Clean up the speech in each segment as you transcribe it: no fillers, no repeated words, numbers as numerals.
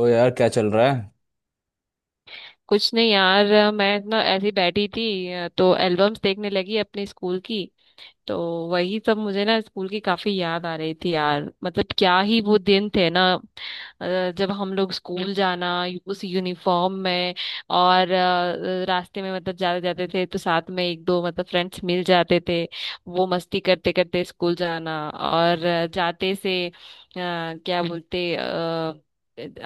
ओ यार, क्या चल रहा है। कुछ नहीं यार मैं ना ऐसी बैठी थी तो एल्बम्स देखने लगी अपने स्कूल की। तो वही सब मुझे ना स्कूल की काफी याद आ रही थी यार, मतलब क्या ही वो दिन थे ना। जब हम लोग स्कूल जाना उस यूनिफॉर्म में, और रास्ते में मतलब जाते जाते थे तो साथ में एक दो मतलब फ्रेंड्स मिल जाते थे। वो मस्ती करते करते स्कूल जाना, और जाते से क्या बोलते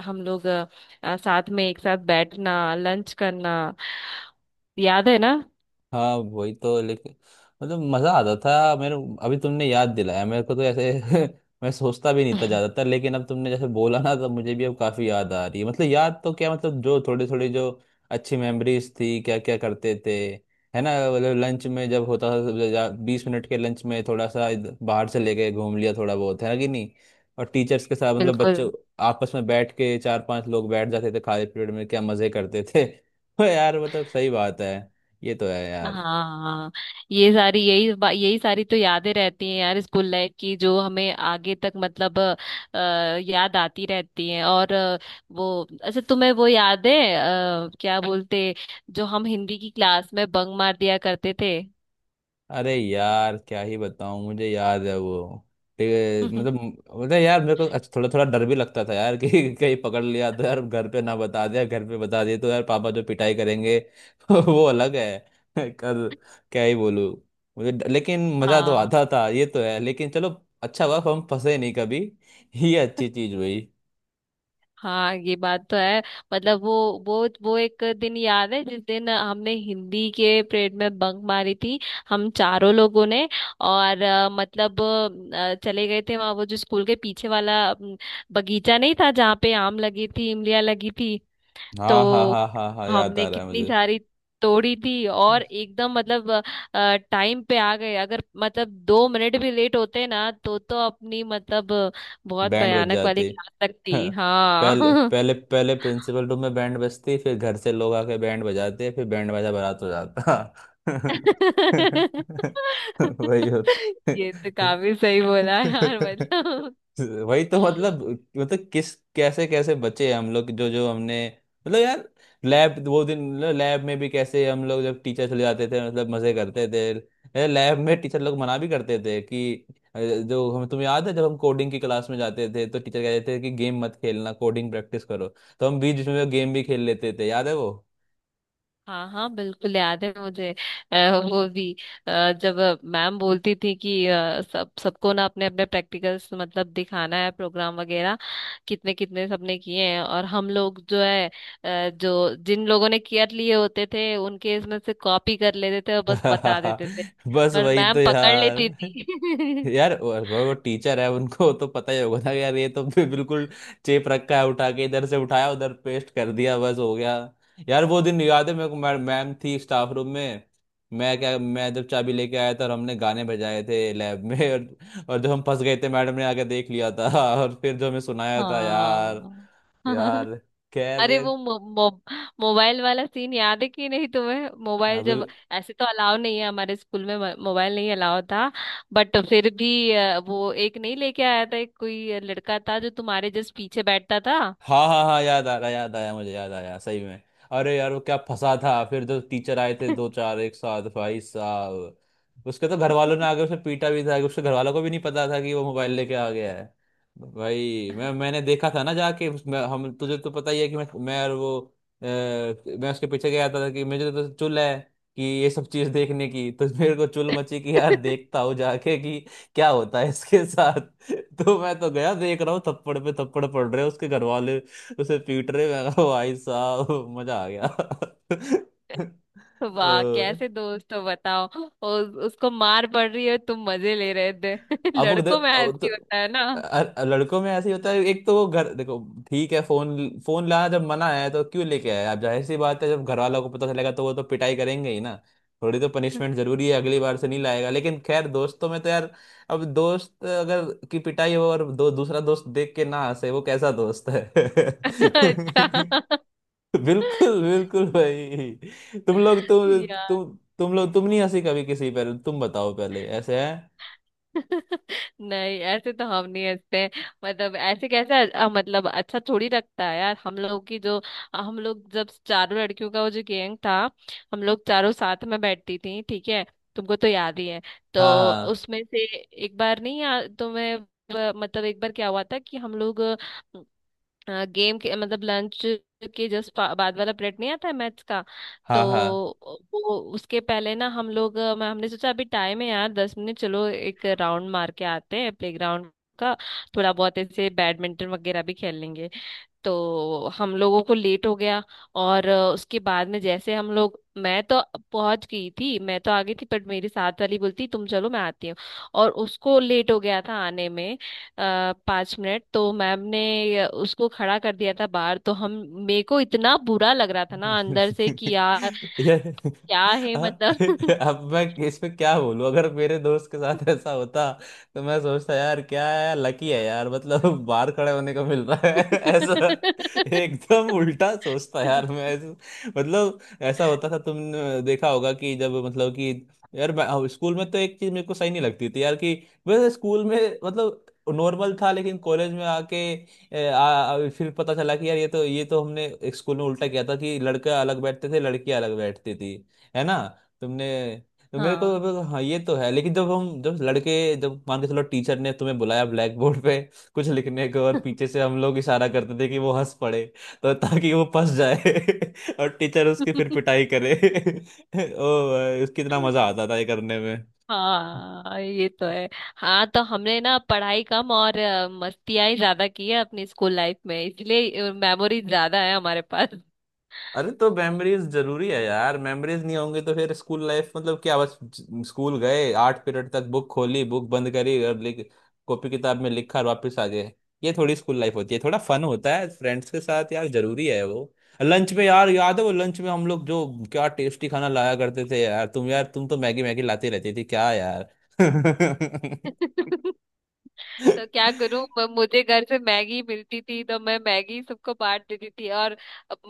हम लोग साथ में एक साथ बैठना, लंच करना। याद है ना। हाँ, वही तो। लेकिन मतलब मजा आता था मेरे। अभी तुमने याद दिलाया मेरे को तो ऐसे। मैं सोचता भी नहीं था ज्यादातर। लेकिन अब तुमने जैसे बोला ना तो मुझे भी अब काफी याद आ रही है। मतलब याद तो क्या, मतलब जो थोड़ी थोड़ी जो अच्छी मेमोरीज थी, क्या क्या करते थे। है ना। मतलब लंच में जब होता था, 20 मिनट के लंच में थोड़ा सा बाहर चले गए, घूम लिया थोड़ा बहुत, है ना कि नहीं। और टीचर्स के साथ मतलब बिल्कुल। बच्चों आपस में बैठ के चार पांच लोग बैठ जाते थे, खाली पीरियड में क्या मजे करते थे। यार मतलब सही बात है। ये तो है यार। हाँ, ये सारी यही सारी तो यादें रहती हैं यार स्कूल लाइफ की, जो हमें आगे तक मतलब याद आती रहती हैं। और वो अच्छा, तुम्हें वो याद है क्या बोलते, जो हम हिंदी की क्लास में बंक मार दिया करते थे। अरे यार क्या ही बताऊं, मुझे याद है वो। ते- हाँ मतलब मतलब यार मेरे को अच्छा, थोड़ा थोड़ा डर भी लगता था यार कि कहीं पकड़ लिया तो यार घर पे ना बता दिया, घर पे बता दिए तो यार पापा जो पिटाई करेंगे। वो अलग है। कर क्या ही बोलूं। लेकिन मजा तो हाँ आता था, ये तो है। लेकिन चलो, अच्छा हुआ हम फंसे नहीं कभी, ये अच्छी चीज हुई। हाँ, ये बात तो है। मतलब वो वो एक दिन याद है जिस दिन हमने हिंदी के पीरियड में बंक मारी थी, हम चारों लोगों ने। और मतलब चले गए थे वहाँ, वो जो स्कूल के पीछे वाला बगीचा नहीं था, जहाँ पे आम लगी थी, इमलियाँ लगी थी। हाँ हाँ तो हाँ हाँ हाँ, याद आ हमने रहा है कितनी मुझे। सारी तोड़ी थी, और एकदम मतलब टाइम पे आ गए। अगर मतलब 2 मिनट भी लेट होते ना तो अपनी मतलब बहुत बैंड बज भयानक वाली जाती। क्लास लगती। हाँ, पहले हाँ। पहले पहले प्रिंसिपल रूम में बैंड बजती, फिर घर से लोग आके बैंड बजाते, फिर बैंड बाजा बारात हो जाता। वही होता। ये तो काफी सही बोला यार मतलब। वही तो मतलब। मतलब किस कैसे कैसे बचे हम लोग, जो जो हमने। मतलब यार, लैब वो दिन। मतलब लैब में भी कैसे हम लोग, जब टीचर चले जाते थे मतलब मजे करते थे लैब में। टीचर लोग मना भी करते थे कि जो हम, तुम्हें याद है जब हम कोडिंग की क्लास में जाते थे तो टीचर कहते थे कि गेम मत खेलना, कोडिंग प्रैक्टिस करो। तो हम बीच बीच में गेम भी खेल लेते थे, याद है वो। हाँ हाँ, बिल्कुल याद है मुझे। अ, वो भी जब मैम बोलती थी कि सब सबको ना अपने अपने प्रैक्टिकल्स मतलब दिखाना है, प्रोग्राम वगैरह कितने कितने सबने किए हैं, और हम लोग जो है जो जिन लोगों ने केयर लिए होते थे उनके इसमें से कॉपी कर लेते थे और बस बता देते थे। बस पर वही मैम तो पकड़ यार। लेती थी। यार वो टीचर है, उनको तो पता ही होगा ना यार, ये तो बिल्कुल चेप रखा है, उठा के इधर से उठाया उधर पेस्ट कर दिया, बस हो गया। यार वो दिन याद है मेरे को। मैम मैम थी स्टाफ रूम में। मैं जब चाबी लेके आया था और हमने गाने बजाए थे लैब में और जब हम फंस गए थे, मैडम ने आके देख लिया था। और फिर जो हमें सुनाया था यार। हाँ। यार खैर अरे यार। वो मो, मो, मोबाइल वाला सीन याद है कि नहीं तुम्हें। मोबाइल अभी। जब ऐसे तो अलाउ नहीं है हमारे स्कूल में, मोबाइल नहीं अलाउ था। बट फिर भी वो एक नहीं लेके आया था, एक कोई लड़का था जो तुम्हारे जस्ट पीछे बैठता था। हाँ हाँ हाँ, याद आ रहा, याद आया मुझे, याद आया सही में। अरे यार वो क्या फंसा था, फिर जो टीचर आए थे दो चार एक साथ भाई साहब। उसके तो घर वालों ने आगे उसे पीटा भी था, कि उसके घर वालों को भी नहीं पता था कि वो मोबाइल लेके आ गया है। भाई मैंने देखा था ना जाके हम, तुझे तो पता ही है कि मैं और वो, मैं उसके पीछे गया था कि मुझे तो चुल है कि ये सब चीज देखने की, तो मेरे को चुल मची कि यार देखता हूँ जाके कि क्या होता है इसके साथ। तो मैं तो गया, देख रहा हूँ थप्पड़ पे थप्पड़ पड़ रहे हैं, उसके घर वाले उसे पीट रहे हैं। मैं कहा, भाई साहब मजा आ गया। वाह अ, कैसे दोस्त हो बताओ, उसको मार पड़ रही है तुम मजे ले रहे थे। अब वो लड़कों में अब ऐसे तो ही होता है ना। अ- लड़कों में ऐसे ही होता है, एक तो वो घर देखो ठीक है। फोन फोन लाना जब मना है तो क्यों लेके आए। अब जाहिर सी बात है, जब घर वालों को पता चलेगा तो वो तो पिटाई करेंगे ही ना। थोड़ी तो पनिशमेंट जरूरी है, अगली बार से नहीं लाएगा। लेकिन खैर दोस्तों में तो यार, अब दोस्त अगर की पिटाई हो और दो दूसरा दोस्त देख के ना हंसे, वो कैसा दोस्त है। अच्छा बिल्कुल बिल्कुल भाई, तुम लोग यार, तुम लोग तुम नहीं हंसी कभी किसी पर, तुम बताओ पहले, ऐसे है। नहीं ऐसे तो हम नहीं हंसते हैं। मतलब ऐसे कैसे। मतलब अच्छा थोड़ी लगता है यार। हम लोग की जो, हम लोग जब चारों लड़कियों का वो जो गैंग था, हम लोग चारों साथ में बैठती थी ठीक है, तुमको तो याद ही है। तो हाँ हाँ उसमें से एक बार नहीं याद तुम्हें। मतलब एक बार क्या हुआ था कि हम लोग गेम के मतलब लंच के जस्ट बाद वाला पीरियड नहीं आता है मैथ्स का। तो हाँ हाँ। वो उसके पहले ना हम लोग, अ, मैं हमने सोचा अभी टाइम है यार 10 मिनट, चलो एक राउंड मार के आते हैं प्लेग्राउंड का। थोड़ा बहुत ऐसे बैडमिंटन वगैरह भी खेल लेंगे। तो हम लोगों को लेट हो गया। और उसके बाद में जैसे हम लोग, मैं तो पहुंच गई थी, मैं तो आ गई थी, बट मेरी साथ वाली बोलती तुम चलो मैं आती हूँ, और उसको लेट हो गया था आने में। 5 मिनट तो मैम ने उसको खड़ा कर दिया था बाहर। तो हम, मेरे को इतना बुरा लग रहा था ना अंदर से कि यार यार क्या है हाँ, मतलब। अब मैं इसमें क्या बोलूं। अगर मेरे दोस्त के साथ ऐसा होता तो मैं सोचता यार क्या है यार, लकी है यार मतलब। बाहर खड़े होने को मिल रहा है। ऐसा एकदम उल्टा सोचता यार मैं ऐसे। मतलब ऐसा होता था, तुमने देखा होगा कि जब मतलब कि यार मैं हाँ, स्कूल में तो एक चीज मेरे को सही नहीं लगती थी यार कि वैसे स्कूल में मतलब नॉर्मल था, लेकिन कॉलेज में आके फिर पता चला कि यार ये तो हमने एक स्कूल में उल्टा किया था, कि लड़का अलग बैठते थे, लड़की अलग बैठती थी, है ना। तुमने, तो हाँ। हाँ ये तो है, लेकिन जब हम जब लड़के जब मान के चलो टीचर ने तुम्हें बुलाया ब्लैक बोर्ड पे कुछ लिखने को, और पीछे से हम लोग इशारा करते थे कि वो हंस पड़े, तो ताकि वो फंस जाए और टीचर उसकी फिर पिटाई करे। ओ भाई, उसकी इतना मजा आता था ये करने में। हाँ ये तो है। हाँ तो हमने ना पढ़ाई कम और मस्तियाँ ही ज्यादा की है अपनी स्कूल लाइफ में, इसलिए मेमोरी ज्यादा है हमारे पास। अरे तो मेमोरीज जरूरी है यार, मेमोरीज नहीं होंगे तो फिर स्कूल लाइफ मतलब क्या। बस स्कूल गए, आठ पीरियड तक बुक खोली, बुक बंद करी और लिख, कॉपी किताब में लिखा और वापस आ गए। ये थोड़ी स्कूल लाइफ होती है, थोड़ा फन होता है फ्रेंड्स के साथ यार, जरूरी है वो। लंच में यार, याद है वो लंच में हम लोग जो क्या टेस्टी खाना लाया करते थे यार। तुम यार, तुम तो मैगी मैगी लाती रहती थी क्या यार। तो क्या करूं, मुझे घर से मैगी मिलती थी तो मैं मैगी सबको बांट देती थी। और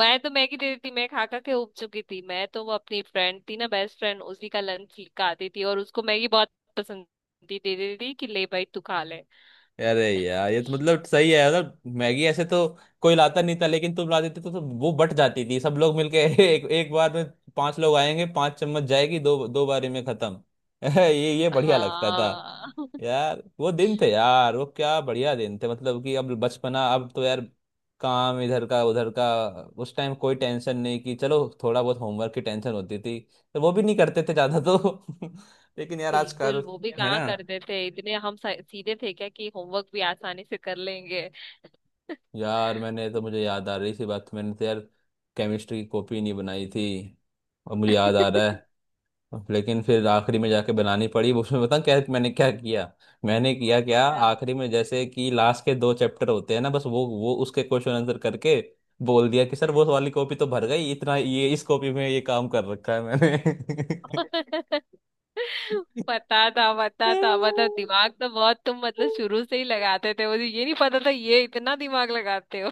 मैं तो मैगी दे देती थी, मैं खा खा के उब चुकी थी। मैं तो वो अपनी फ्रेंड थी ना बेस्ट फ्रेंड, उसी का लंच खाती थी, और उसको मैगी बहुत पसंद थी, दे देती थी कि ले भाई तू खा ले। अरे यार ये तो मतलब सही है, मतलब मैगी ऐसे तो कोई लाता नहीं था, लेकिन तुम ला देते तो वो बट जाती थी सब लोग मिलके। एक एक बार में पांच लोग आएंगे, पांच चम्मच जाएगी, दो दो बारी में खत्म। ये बढ़िया लगता था। हाँ। यार वो दिन थे यार, वो क्या बढ़िया दिन थे, मतलब कि अब बचपना। अब तो यार काम इधर का उधर का। उस टाइम कोई टेंशन नहीं कि, चलो थोड़ा बहुत होमवर्क की टेंशन होती थी, तो वो भी नहीं करते थे ज्यादा तो। लेकिन यार बिल्कुल, आजकल वो भी है कहाँ ना। कर देते। इतने हम सीधे थे क्या कि होमवर्क भी आसानी से कर लेंगे? यार मैंने तो, मुझे याद आ रही सी बात, मैंने तो यार केमिस्ट्री की कॉपी नहीं बनाई थी, और मुझे याद आ रहा है। लेकिन फिर आखिरी में जाके बनानी पड़ी, वो उसमें बताऊँ क्या मैंने क्या किया। मैंने किया क्या, क्या? आखिरी में जैसे कि लास्ट के दो चैप्टर होते हैं ना, बस वो उसके क्वेश्चन आंसर करके बोल दिया कि सर वो वाली कॉपी तो भर गई, इतना ये इस कॉपी में ये काम कर रखा है मैंने। पता था पता था, मतलब दिमाग तो बहुत तुम मतलब शुरू से ही लगाते थे। मुझे ये नहीं पता था ये इतना दिमाग लगाते हो।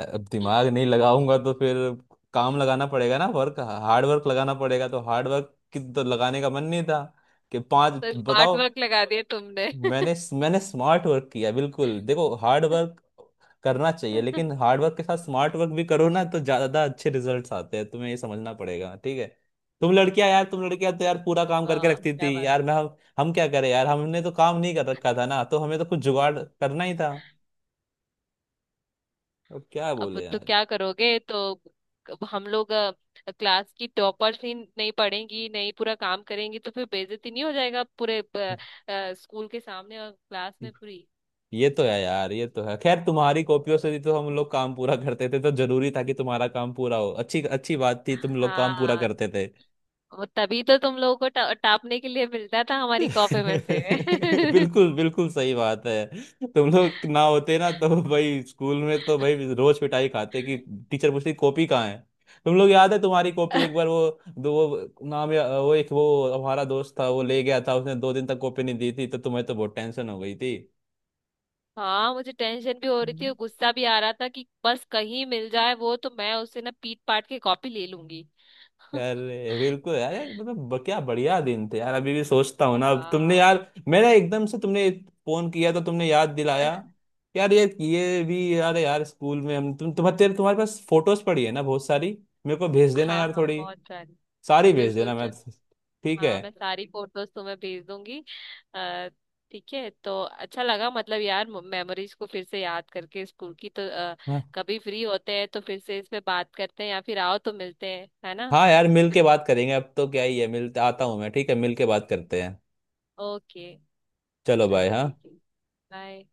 अब दिमाग नहीं लगाऊंगा तो फिर काम लगाना पड़ेगा ना, वर्क हार्ड वर्क लगाना पड़ेगा। तो हार्ड वर्क की तो लगाने का मन नहीं था, कि पांच तो स्मार्ट बताओ। वर्क लगा दिया तुमने। मैंने मैंने स्मार्ट वर्क किया बिल्कुल। देखो हार्ड वर्क करना चाहिए, लेकिन हार्ड वर्क के साथ स्मार्ट वर्क भी करो ना, तो ज्यादा अच्छे रिजल्ट्स आते हैं, तुम्हें ये समझना पड़ेगा, ठीक है। तुम लड़कियां यार, तुम लड़कियां तो यार पूरा काम करके वाह रखती क्या थी बात। यार। हम क्या करें यार, हमने तो काम नहीं कर रखा था ना, तो हमें तो कुछ जुगाड़ करना ही था। अब क्या अब बोले तो यार। क्या करोगे, तो हम लोग क्लास की टॉपर्स ही नहीं पढ़ेंगी, नहीं पूरा काम करेंगी तो फिर बेइज्जती नहीं हो जाएगा पूरे स्कूल के सामने और क्लास में पूरी। ये तो है यार, ये तो है खैर। तुम्हारी कॉपियों से ही तो हम लोग काम पूरा करते थे, तो जरूरी था कि तुम्हारा काम पूरा हो। अच्छी अच्छी बात थी, तुम लोग काम पूरा हाँ, करते थे। वो तभी तो तुम लोगों को टापने के लिए मिलता था हमारी कॉपी में से। बिल्कुल बिल्कुल सही बात है। तुम लोग ना होते ना तो भाई स्कूल में तो भाई रोज पिटाई खाते, कि टीचर पूछती कॉपी कहाँ है। तुम लोग याद है तुम्हारी कॉपी एक बार वो दो वो नाम या वो एक वो हमारा दोस्त था, वो ले गया था, उसने 2 दिन तक कॉपी नहीं दी थी, तो तुम्हें तो बहुत टेंशन हो गई हाँ, मुझे टेंशन भी हो रही थी और थी। गुस्सा भी आ रहा था कि बस कहीं मिल जाए वो तो मैं उससे ना पीट पाट के कॉपी ले लूंगी। अरे बिल्कुल यार यार, मतलब क्या बढ़िया दिन थे यार। अभी भी सोचता हूँ ना, अब तुमने हाँ यार मेरा एकदम से तुमने फोन किया तो तुमने याद दिलाया यार। ये भी यार यार, स्कूल में हम तुम तुम्हारे पास फोटोज पड़ी है ना बहुत सारी, मेरे को भेज देना हाँ यार हाँ, थोड़ी बहुत सारी। सारी भेज बिल्कुल देना। मैं चल। ठीक है, हाँ मैं सारी फोटोज तुम्हें भेज दूंगी। अ, ठीक है, तो अच्छा लगा मतलब यार मेमोरीज को फिर से याद करके स्कूल की तो। अ, हाँ कभी फ्री होते हैं तो फिर से इस पे बात करते हैं, या फिर आओ तो मिलते हैं है ना। हाँ यार मिल के बात करेंगे अब तो क्या ही है, मिलते आता हूँ मैं ठीक है, मिल के बात करते हैं। ओके। चलो बाय। चलो ठीक हाँ। है। बाय।